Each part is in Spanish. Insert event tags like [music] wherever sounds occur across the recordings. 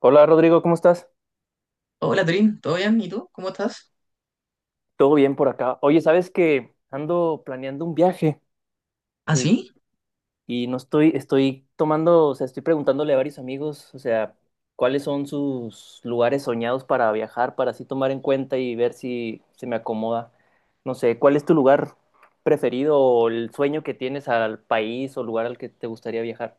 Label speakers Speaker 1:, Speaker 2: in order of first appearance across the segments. Speaker 1: Hola Rodrigo, ¿cómo estás?
Speaker 2: Hola Trin, ¿todo bien? ¿Y tú? ¿Cómo estás?
Speaker 1: ¿Todo bien por acá? Oye, ¿sabes que ando planeando un viaje
Speaker 2: ¿Ah,
Speaker 1: y,
Speaker 2: sí?
Speaker 1: y no estoy, estoy tomando, o sea, estoy preguntándole a varios amigos, o sea, cuáles son sus lugares soñados para viajar, para así tomar en cuenta y ver si se me acomoda. No sé, ¿cuál es tu lugar preferido o el sueño que tienes al país o lugar al que te gustaría viajar?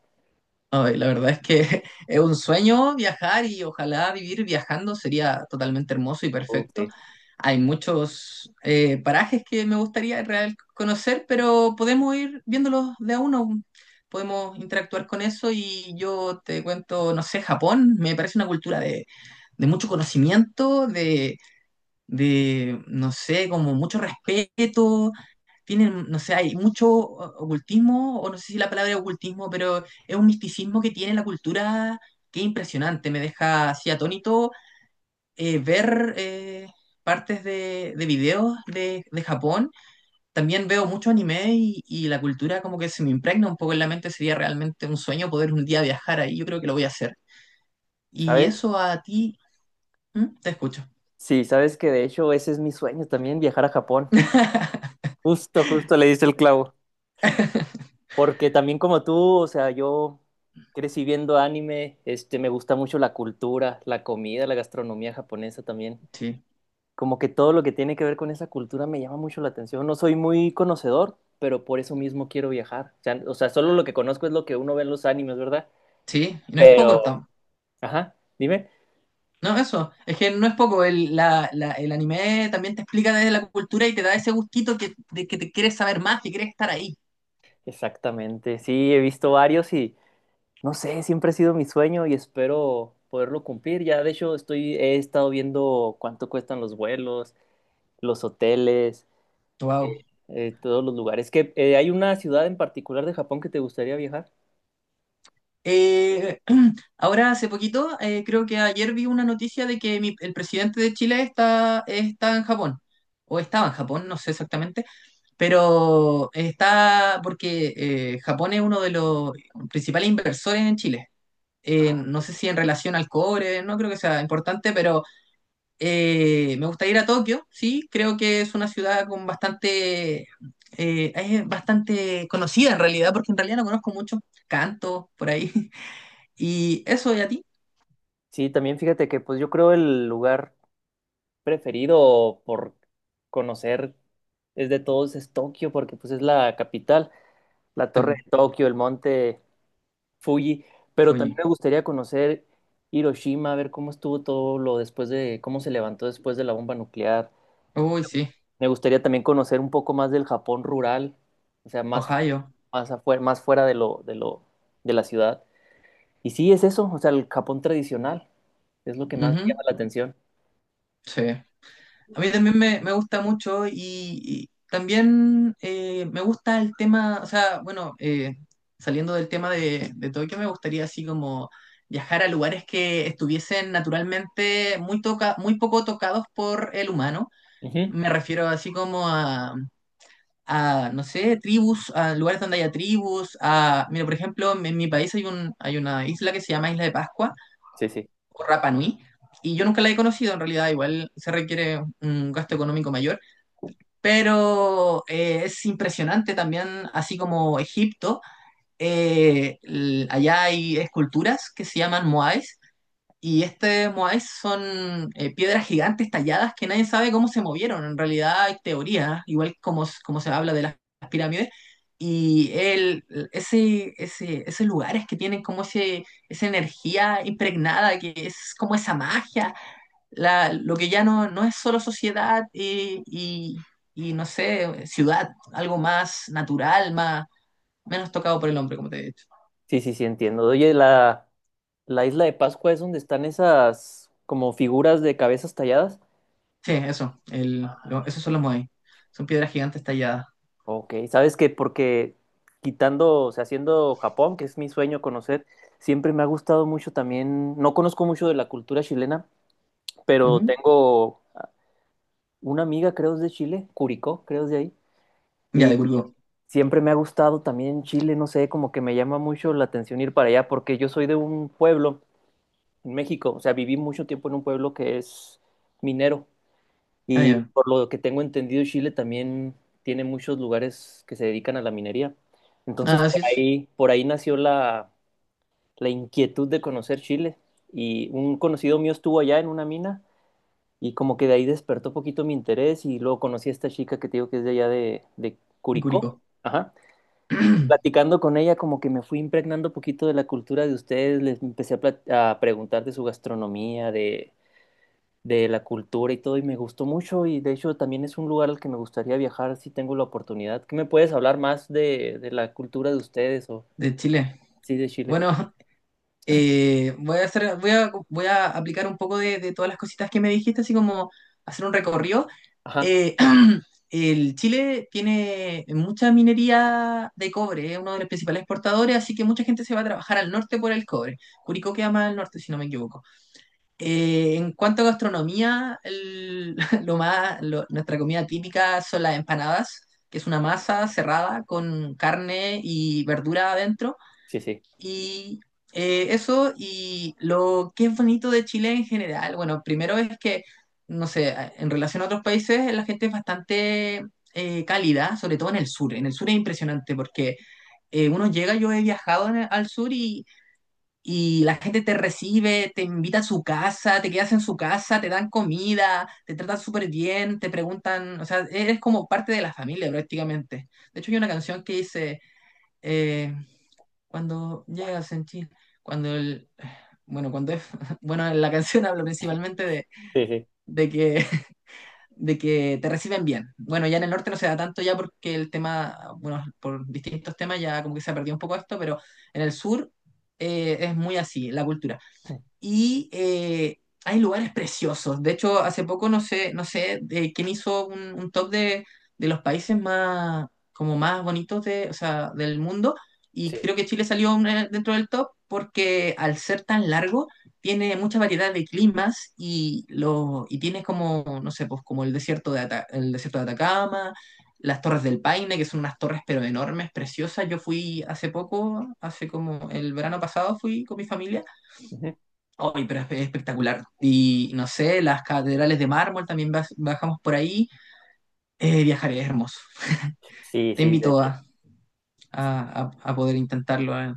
Speaker 2: Ay, la verdad es que [laughs] es un sueño viajar y ojalá vivir viajando sería totalmente hermoso y
Speaker 1: Uf,
Speaker 2: perfecto.
Speaker 1: sí.
Speaker 2: Hay muchos parajes que me gustaría en real conocer, pero podemos ir viéndolos de a uno. Podemos interactuar con eso y yo te cuento, no sé, Japón me parece una cultura de mucho conocimiento, de, no sé, como mucho respeto tienen, no sé, hay mucho ocultismo, o no sé si la palabra es ocultismo, pero es un misticismo que tiene la cultura que es impresionante. Me deja así atónito ver partes de videos de Japón. También veo mucho anime y la cultura como que se me impregna un poco en la mente. Sería realmente un sueño poder un día viajar ahí. Yo creo que lo voy a hacer. Y
Speaker 1: ¿Sabes?
Speaker 2: eso a ti, ¿Mm? Te escucho.
Speaker 1: Sí, sabes que de hecho ese es mi sueño también, viajar a Japón.
Speaker 2: [laughs]
Speaker 1: Justo, justo le diste el clavo. Porque también como tú, o sea, yo crecí viendo anime, este, me gusta mucho la cultura, la comida, la gastronomía japonesa también.
Speaker 2: Sí,
Speaker 1: Como que todo lo que tiene que ver con esa cultura me llama mucho la atención. No soy muy conocedor, pero por eso mismo quiero viajar. O sea, solo lo que conozco es lo que uno ve en los animes, ¿verdad?
Speaker 2: sí, y no es
Speaker 1: Pero,
Speaker 2: poco, tam-
Speaker 1: ajá, dime.
Speaker 2: No, eso, es que no es poco, el, la- la- el anime también te explica desde la cultura y te da ese gustito que, de que te quieres saber más, que quieres estar ahí.
Speaker 1: Exactamente. Sí, he visto varios y no sé, siempre ha sido mi sueño y espero poderlo cumplir. Ya, de hecho, he estado viendo cuánto cuestan los vuelos los hoteles,
Speaker 2: Wow.
Speaker 1: todos los lugares. ¿Que hay una ciudad en particular de Japón que te gustaría viajar?
Speaker 2: Eh, [clears throat] ahora, hace poquito, creo que ayer vi una noticia de que mi- el presidente de Chile está, está en Japón, o estaba en Japón, no sé exactamente, pero está, porque Japón es uno de los principales inversores en Chile.
Speaker 1: Ah,
Speaker 2: No sé si en relación al cobre, no creo que sea importante, pero me gusta ir a Tokio, sí, creo que es una ciudad con bastante, es bastante conocida en realidad, porque en realidad no conozco mucho, canto por ahí. [laughs] Y eso, ¿y a ti?
Speaker 1: sí, también fíjate que pues yo creo el lugar preferido por conocer es de todos es Tokio, porque pues es la capital, la torre de Tokio, el monte Fuji, pero también
Speaker 2: Oye,
Speaker 1: me gustaría conocer Hiroshima, ver cómo estuvo todo lo después de, cómo se levantó después de la bomba nuclear.
Speaker 2: uy, sí,
Speaker 1: Me gustaría también conocer un poco más del Japón rural, o sea, más,
Speaker 2: Ohio.
Speaker 1: más afuera, más fuera de lo, de la ciudad. Y sí, es eso, o sea, el Japón tradicional es lo que más
Speaker 2: Ujú.
Speaker 1: me llama la atención.
Speaker 2: Sí. A mí también me gusta mucho y también me gusta el tema, o sea, bueno, saliendo del tema de Tokio, me gustaría así como viajar a lugares que estuviesen naturalmente muy, toca, muy poco tocados por el humano.
Speaker 1: Ujú.
Speaker 2: Me refiero así como a, no sé, tribus, a lugares donde haya tribus, a, mira, por ejemplo, en mi país hay un, hay una isla que se llama Isla de Pascua
Speaker 1: Sí, sí,
Speaker 2: o Rapa Nui. Y yo nunca la he conocido, en realidad, igual se requiere un gasto económico mayor, pero es impresionante también, así como Egipto, allá hay esculturas que se llaman moais, y este Moai son piedras gigantes talladas que nadie sabe cómo se movieron. En realidad hay teorías, igual como, s- como se habla de las pirámides. Y el, ese, esos lugares que tienen como ese, esa energía impregnada, que es como esa magia, la, lo que ya no, no es solo sociedad y, no sé, ciudad, algo más natural, más, menos tocado por el hombre, como te he dicho.
Speaker 1: sí, sí, sí, entiendo. Oye, la isla de Pascua es donde están esas como figuras de cabezas talladas.
Speaker 2: Sí, eso, el, lo- esos son los Moai. Son piedras gigantes talladas.
Speaker 1: Ok, ¿sabes qué? Porque quitando, o sea, haciendo Japón, que es mi sueño conocer, siempre me ha gustado mucho también, no conozco mucho de la cultura chilena, pero
Speaker 2: Ujú.
Speaker 1: tengo una amiga, creo, es de Chile, Curicó, creo, es de ahí.
Speaker 2: Ya, de Curicó.
Speaker 1: Siempre me ha gustado también Chile, no sé, como que me llama mucho la atención ir para allá, porque yo soy de un pueblo en México, o sea, viví mucho tiempo en un pueblo que es minero
Speaker 2: Ah,
Speaker 1: y
Speaker 2: ya.
Speaker 1: por lo que tengo entendido, Chile también tiene muchos lugares que se dedican a la minería.
Speaker 2: Ah,
Speaker 1: Entonces, por
Speaker 2: así es,
Speaker 1: ahí, por ahí nació la, la inquietud de conocer Chile y un conocido mío estuvo allá en una mina y como que de ahí despertó poquito mi interés y luego conocí a esta chica que te digo que es de allá de
Speaker 2: de
Speaker 1: Curicó.
Speaker 2: Curicó.
Speaker 1: Ajá. Y
Speaker 2: [clears throat]
Speaker 1: platicando con ella, como que me fui impregnando poquito de la cultura de ustedes, les empecé a, plat- a preguntar de su gastronomía, de la cultura y todo, y me gustó mucho, y de hecho también es un lugar al que me gustaría viajar si tengo la oportunidad. ¿Qué me puedes hablar más de la cultura de ustedes o
Speaker 2: De Chile.
Speaker 1: sí de Chile?
Speaker 2: Bueno, [laughs] voy a hacer, voy a aplicar un poco de todas las cositas que me dijiste, así como hacer un recorrido.
Speaker 1: Ajá,
Speaker 2: Eh, [clears throat] el Chile tiene mucha minería de cobre, es uno de los principales exportadores, así que mucha gente se va a trabajar al norte por el cobre. Curicó queda más al norte, si no me equivoco. En cuanto a gastronomía, el- [laughs] lo más, lo- nuestra comida típica son las empanadas, que es una masa cerrada con carne y verdura adentro.
Speaker 1: sí, sí,
Speaker 2: Y eso, y lo que es bonito de Chile en general, bueno, primero es que, no sé, en relación a otros países, la gente es bastante cálida, sobre todo en el sur. En el sur es impresionante porque uno llega, yo he viajado en el- al sur y la gente te recibe, te invita a su casa, te quedas en su casa, te dan comida, te tratan súper bien, te preguntan, o sea, eres como parte de la familia prácticamente. De hecho, hay una canción que dice, eh, cuando llegas en Chile, cuando el... Bueno, cuando es, [laughs] bueno, la canción [laughs] habla principalmente
Speaker 1: sí, sí.
Speaker 2: de que, [laughs] de que te reciben bien. Bueno, ya en el norte no se da tanto ya porque el tema, bueno, por distintos temas ya como que se ha perdido un poco esto, pero en el sur es muy así, la cultura
Speaker 1: [clears throat]
Speaker 2: y eh, hay lugares preciosos. De hecho, hace poco no sé, no sé quién hizo un top de los países más, como más bonitos de, o sea, del mundo y
Speaker 1: Sí.
Speaker 2: creo que Chile salió un- dentro del top porque al ser tan largo tiene mucha variedad de climas y, lo, y tiene como, no sé, pues como el desierto de, Ata- el desierto de Atacama. Las Torres del Paine, que son unas torres pero enormes, preciosas. Yo fui hace poco, hace como el verano pasado, fui con mi familia
Speaker 1: Ujú.
Speaker 2: hoy, pero es espectacular. Y no sé, las catedrales de mármol también baj- bajamos por ahí. Viajar es hermoso. [laughs]
Speaker 1: Sí,
Speaker 2: Te
Speaker 1: sí, de
Speaker 2: invito
Speaker 1: hecho.
Speaker 2: a poder intentarlo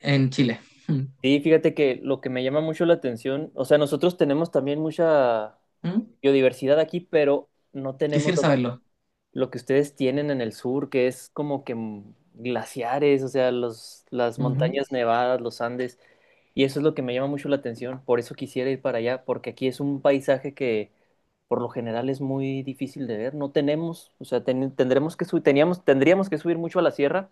Speaker 2: en Chile. Mm,
Speaker 1: Sí, fíjate que lo que me llama mucho la atención, o sea, nosotros tenemos también mucha
Speaker 2: mm,
Speaker 1: biodiversidad aquí, pero no tenemos
Speaker 2: quisiera saberlo.
Speaker 1: lo que ustedes tienen en el sur, que es como que mm, glaciares, o sea, los, las
Speaker 2: Ujú,
Speaker 1: montañas nevadas, los Andes, y eso es lo que me llama mucho la atención, por eso quisiera ir para allá, porque aquí es un paisaje que por lo general es muy difícil de ver, no tenemos, o sea, ten- tendremos que subir, teníamos, tendríamos que subir mucho a la sierra,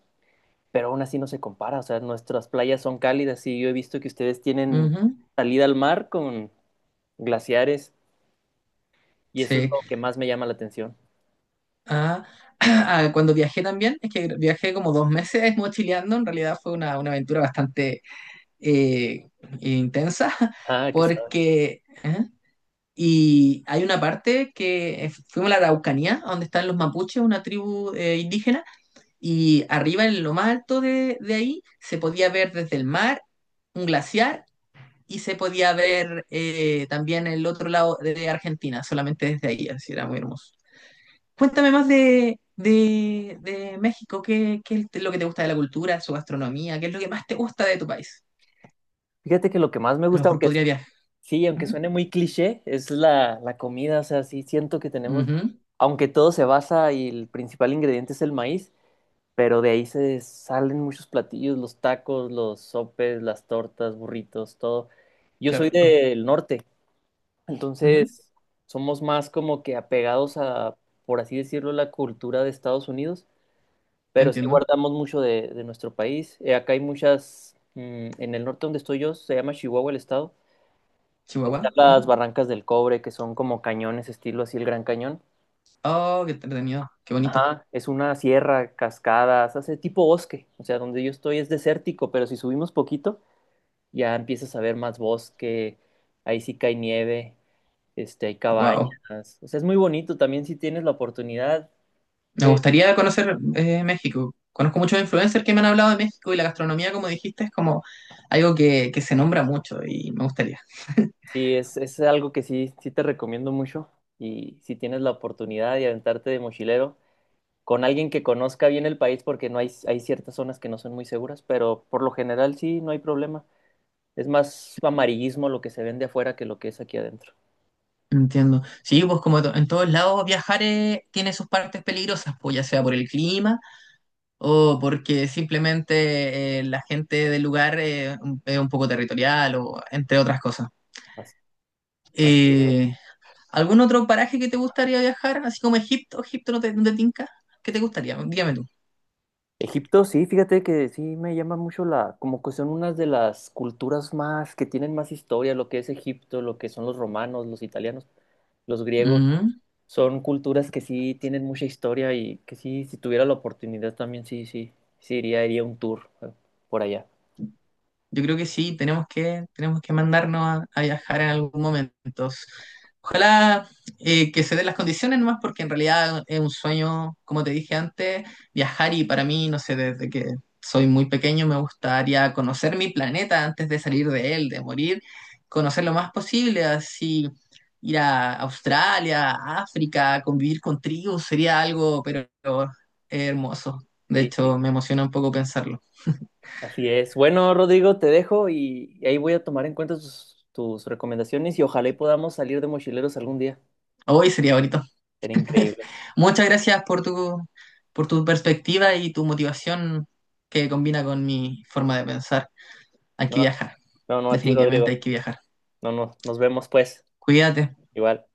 Speaker 1: pero aún así no se compara, o sea, nuestras playas son cálidas y yo he visto que ustedes tienen
Speaker 2: ujú,
Speaker 1: salida al mar con glaciares, y eso es
Speaker 2: sí.
Speaker 1: lo que más me llama la atención.
Speaker 2: Ah, [clears throat] ah, cuando viajé también, es que viajé como dos meses mochileando. En realidad fue una aventura bastante eh, intensa [laughs]
Speaker 1: Ah, que sabe.
Speaker 2: porque... ¿eh? Y hay una parte que fuimos a la Araucanía, donde están los mapuches, una tribu indígena, y arriba en lo más alto de ahí se podía ver desde el mar un glaciar y se podía ver también el otro lado de Argentina, solamente desde ahí, así era muy hermoso. Cuéntame más de México, ¿qué, qué es lo que te gusta de la cultura, su gastronomía? ¿Qué es lo que más te gusta de tu país?
Speaker 1: Fíjate que lo que más me
Speaker 2: A lo
Speaker 1: gusta,
Speaker 2: mejor
Speaker 1: aunque
Speaker 2: podría viajar.
Speaker 1: sí, aunque
Speaker 2: Ujú,
Speaker 1: suene muy cliché, es la, la comida, o sea, sí siento que tenemos,
Speaker 2: ujú,
Speaker 1: aunque todo se basa y el principal ingrediente es el maíz, pero de ahí se salen muchos platillos, los tacos, los sopes, las tortas, burritos, todo. Yo
Speaker 2: qué
Speaker 1: soy
Speaker 2: rico.
Speaker 1: del norte,
Speaker 2: Ujú.
Speaker 1: entonces somos más como que apegados a, por así decirlo, la cultura de Estados Unidos, pero sí
Speaker 2: Entiendo.
Speaker 1: guardamos mucho de nuestro país. Acá hay muchas, mm, en el norte donde estoy yo, se llama Chihuahua el estado. Están
Speaker 2: Chihuahua.
Speaker 1: las
Speaker 2: ¿Mm?
Speaker 1: Barrancas del Cobre, que son como cañones, estilo así el Gran Cañón.
Speaker 2: Oh, qué entretenido, qué bonito.
Speaker 1: Ajá, es una sierra, cascadas, hace tipo bosque. O sea, donde yo estoy es desértico, pero si subimos poquito, ya empiezas a ver más bosque. Ahí sí cae nieve, este, hay cabañas.
Speaker 2: Wow.
Speaker 1: O sea, es muy bonito también si tienes la oportunidad
Speaker 2: Me
Speaker 1: de...
Speaker 2: gustaría conocer México. Conozco muchos influencers que me han hablado de México y la gastronomía, como dijiste, es como algo que se nombra mucho y me gustaría.
Speaker 1: Sí, es algo que sí, sí te recomiendo mucho. Y si tienes la oportunidad de aventarte de mochilero, con alguien que conozca bien el país porque no hay, hay ciertas zonas que no son muy seguras, pero por lo general sí, no hay problema. Es más amarillismo lo que se vende afuera que lo que es aquí adentro.
Speaker 2: Entiendo. Sí, pues como to- en todos lados viajar tiene sus partes peligrosas, pues ya sea por el clima o porque simplemente la gente del lugar es un poco territorial o entre otras cosas.
Speaker 1: Así, así es.
Speaker 2: Eh, ¿Algún otro paraje que te gustaría viajar? Así como Egipto, Egipto no te tinca. ¿Qué te gustaría? Dígame tú.
Speaker 1: Egipto, sí, fíjate que sí me llama mucho la, como que son unas de las culturas más, que tienen más historia, lo que es Egipto, lo que son los romanos, los italianos, los griegos,
Speaker 2: Ujú.
Speaker 1: son culturas que sí tienen mucha historia y que sí, si tuviera la oportunidad también sí, sí, iría, iría un tour por allá.
Speaker 2: Yo creo que sí, tenemos que mandarnos a viajar en algún momento. Ojalá que se den las condiciones nomás, porque en realidad es un sueño, como te dije antes, viajar y para mí, no sé, desde que soy muy pequeño me gustaría conocer mi planeta antes de salir de él, de morir, conocer lo más posible, así ir a Australia, a África, convivir con tribus, sería algo, pero hermoso. De
Speaker 1: Sí, sí.
Speaker 2: hecho, me emociona un poco pensarlo.
Speaker 1: Así es. Bueno, Rodrigo, te dejo y ahí voy a tomar en cuenta tus, tus recomendaciones y ojalá y podamos salir de mochileros algún día.
Speaker 2: Hoy sería bonito.
Speaker 1: Sería
Speaker 2: [laughs]
Speaker 1: increíble.
Speaker 2: Muchas gracias por tu perspectiva y tu motivación que combina con mi forma de pensar. Hay
Speaker 1: No,
Speaker 2: que viajar,
Speaker 1: no a ti,
Speaker 2: definitivamente
Speaker 1: Rodrigo.
Speaker 2: hay que viajar.
Speaker 1: No, no, nos vemos pues.
Speaker 2: Cuídate.
Speaker 1: Igual.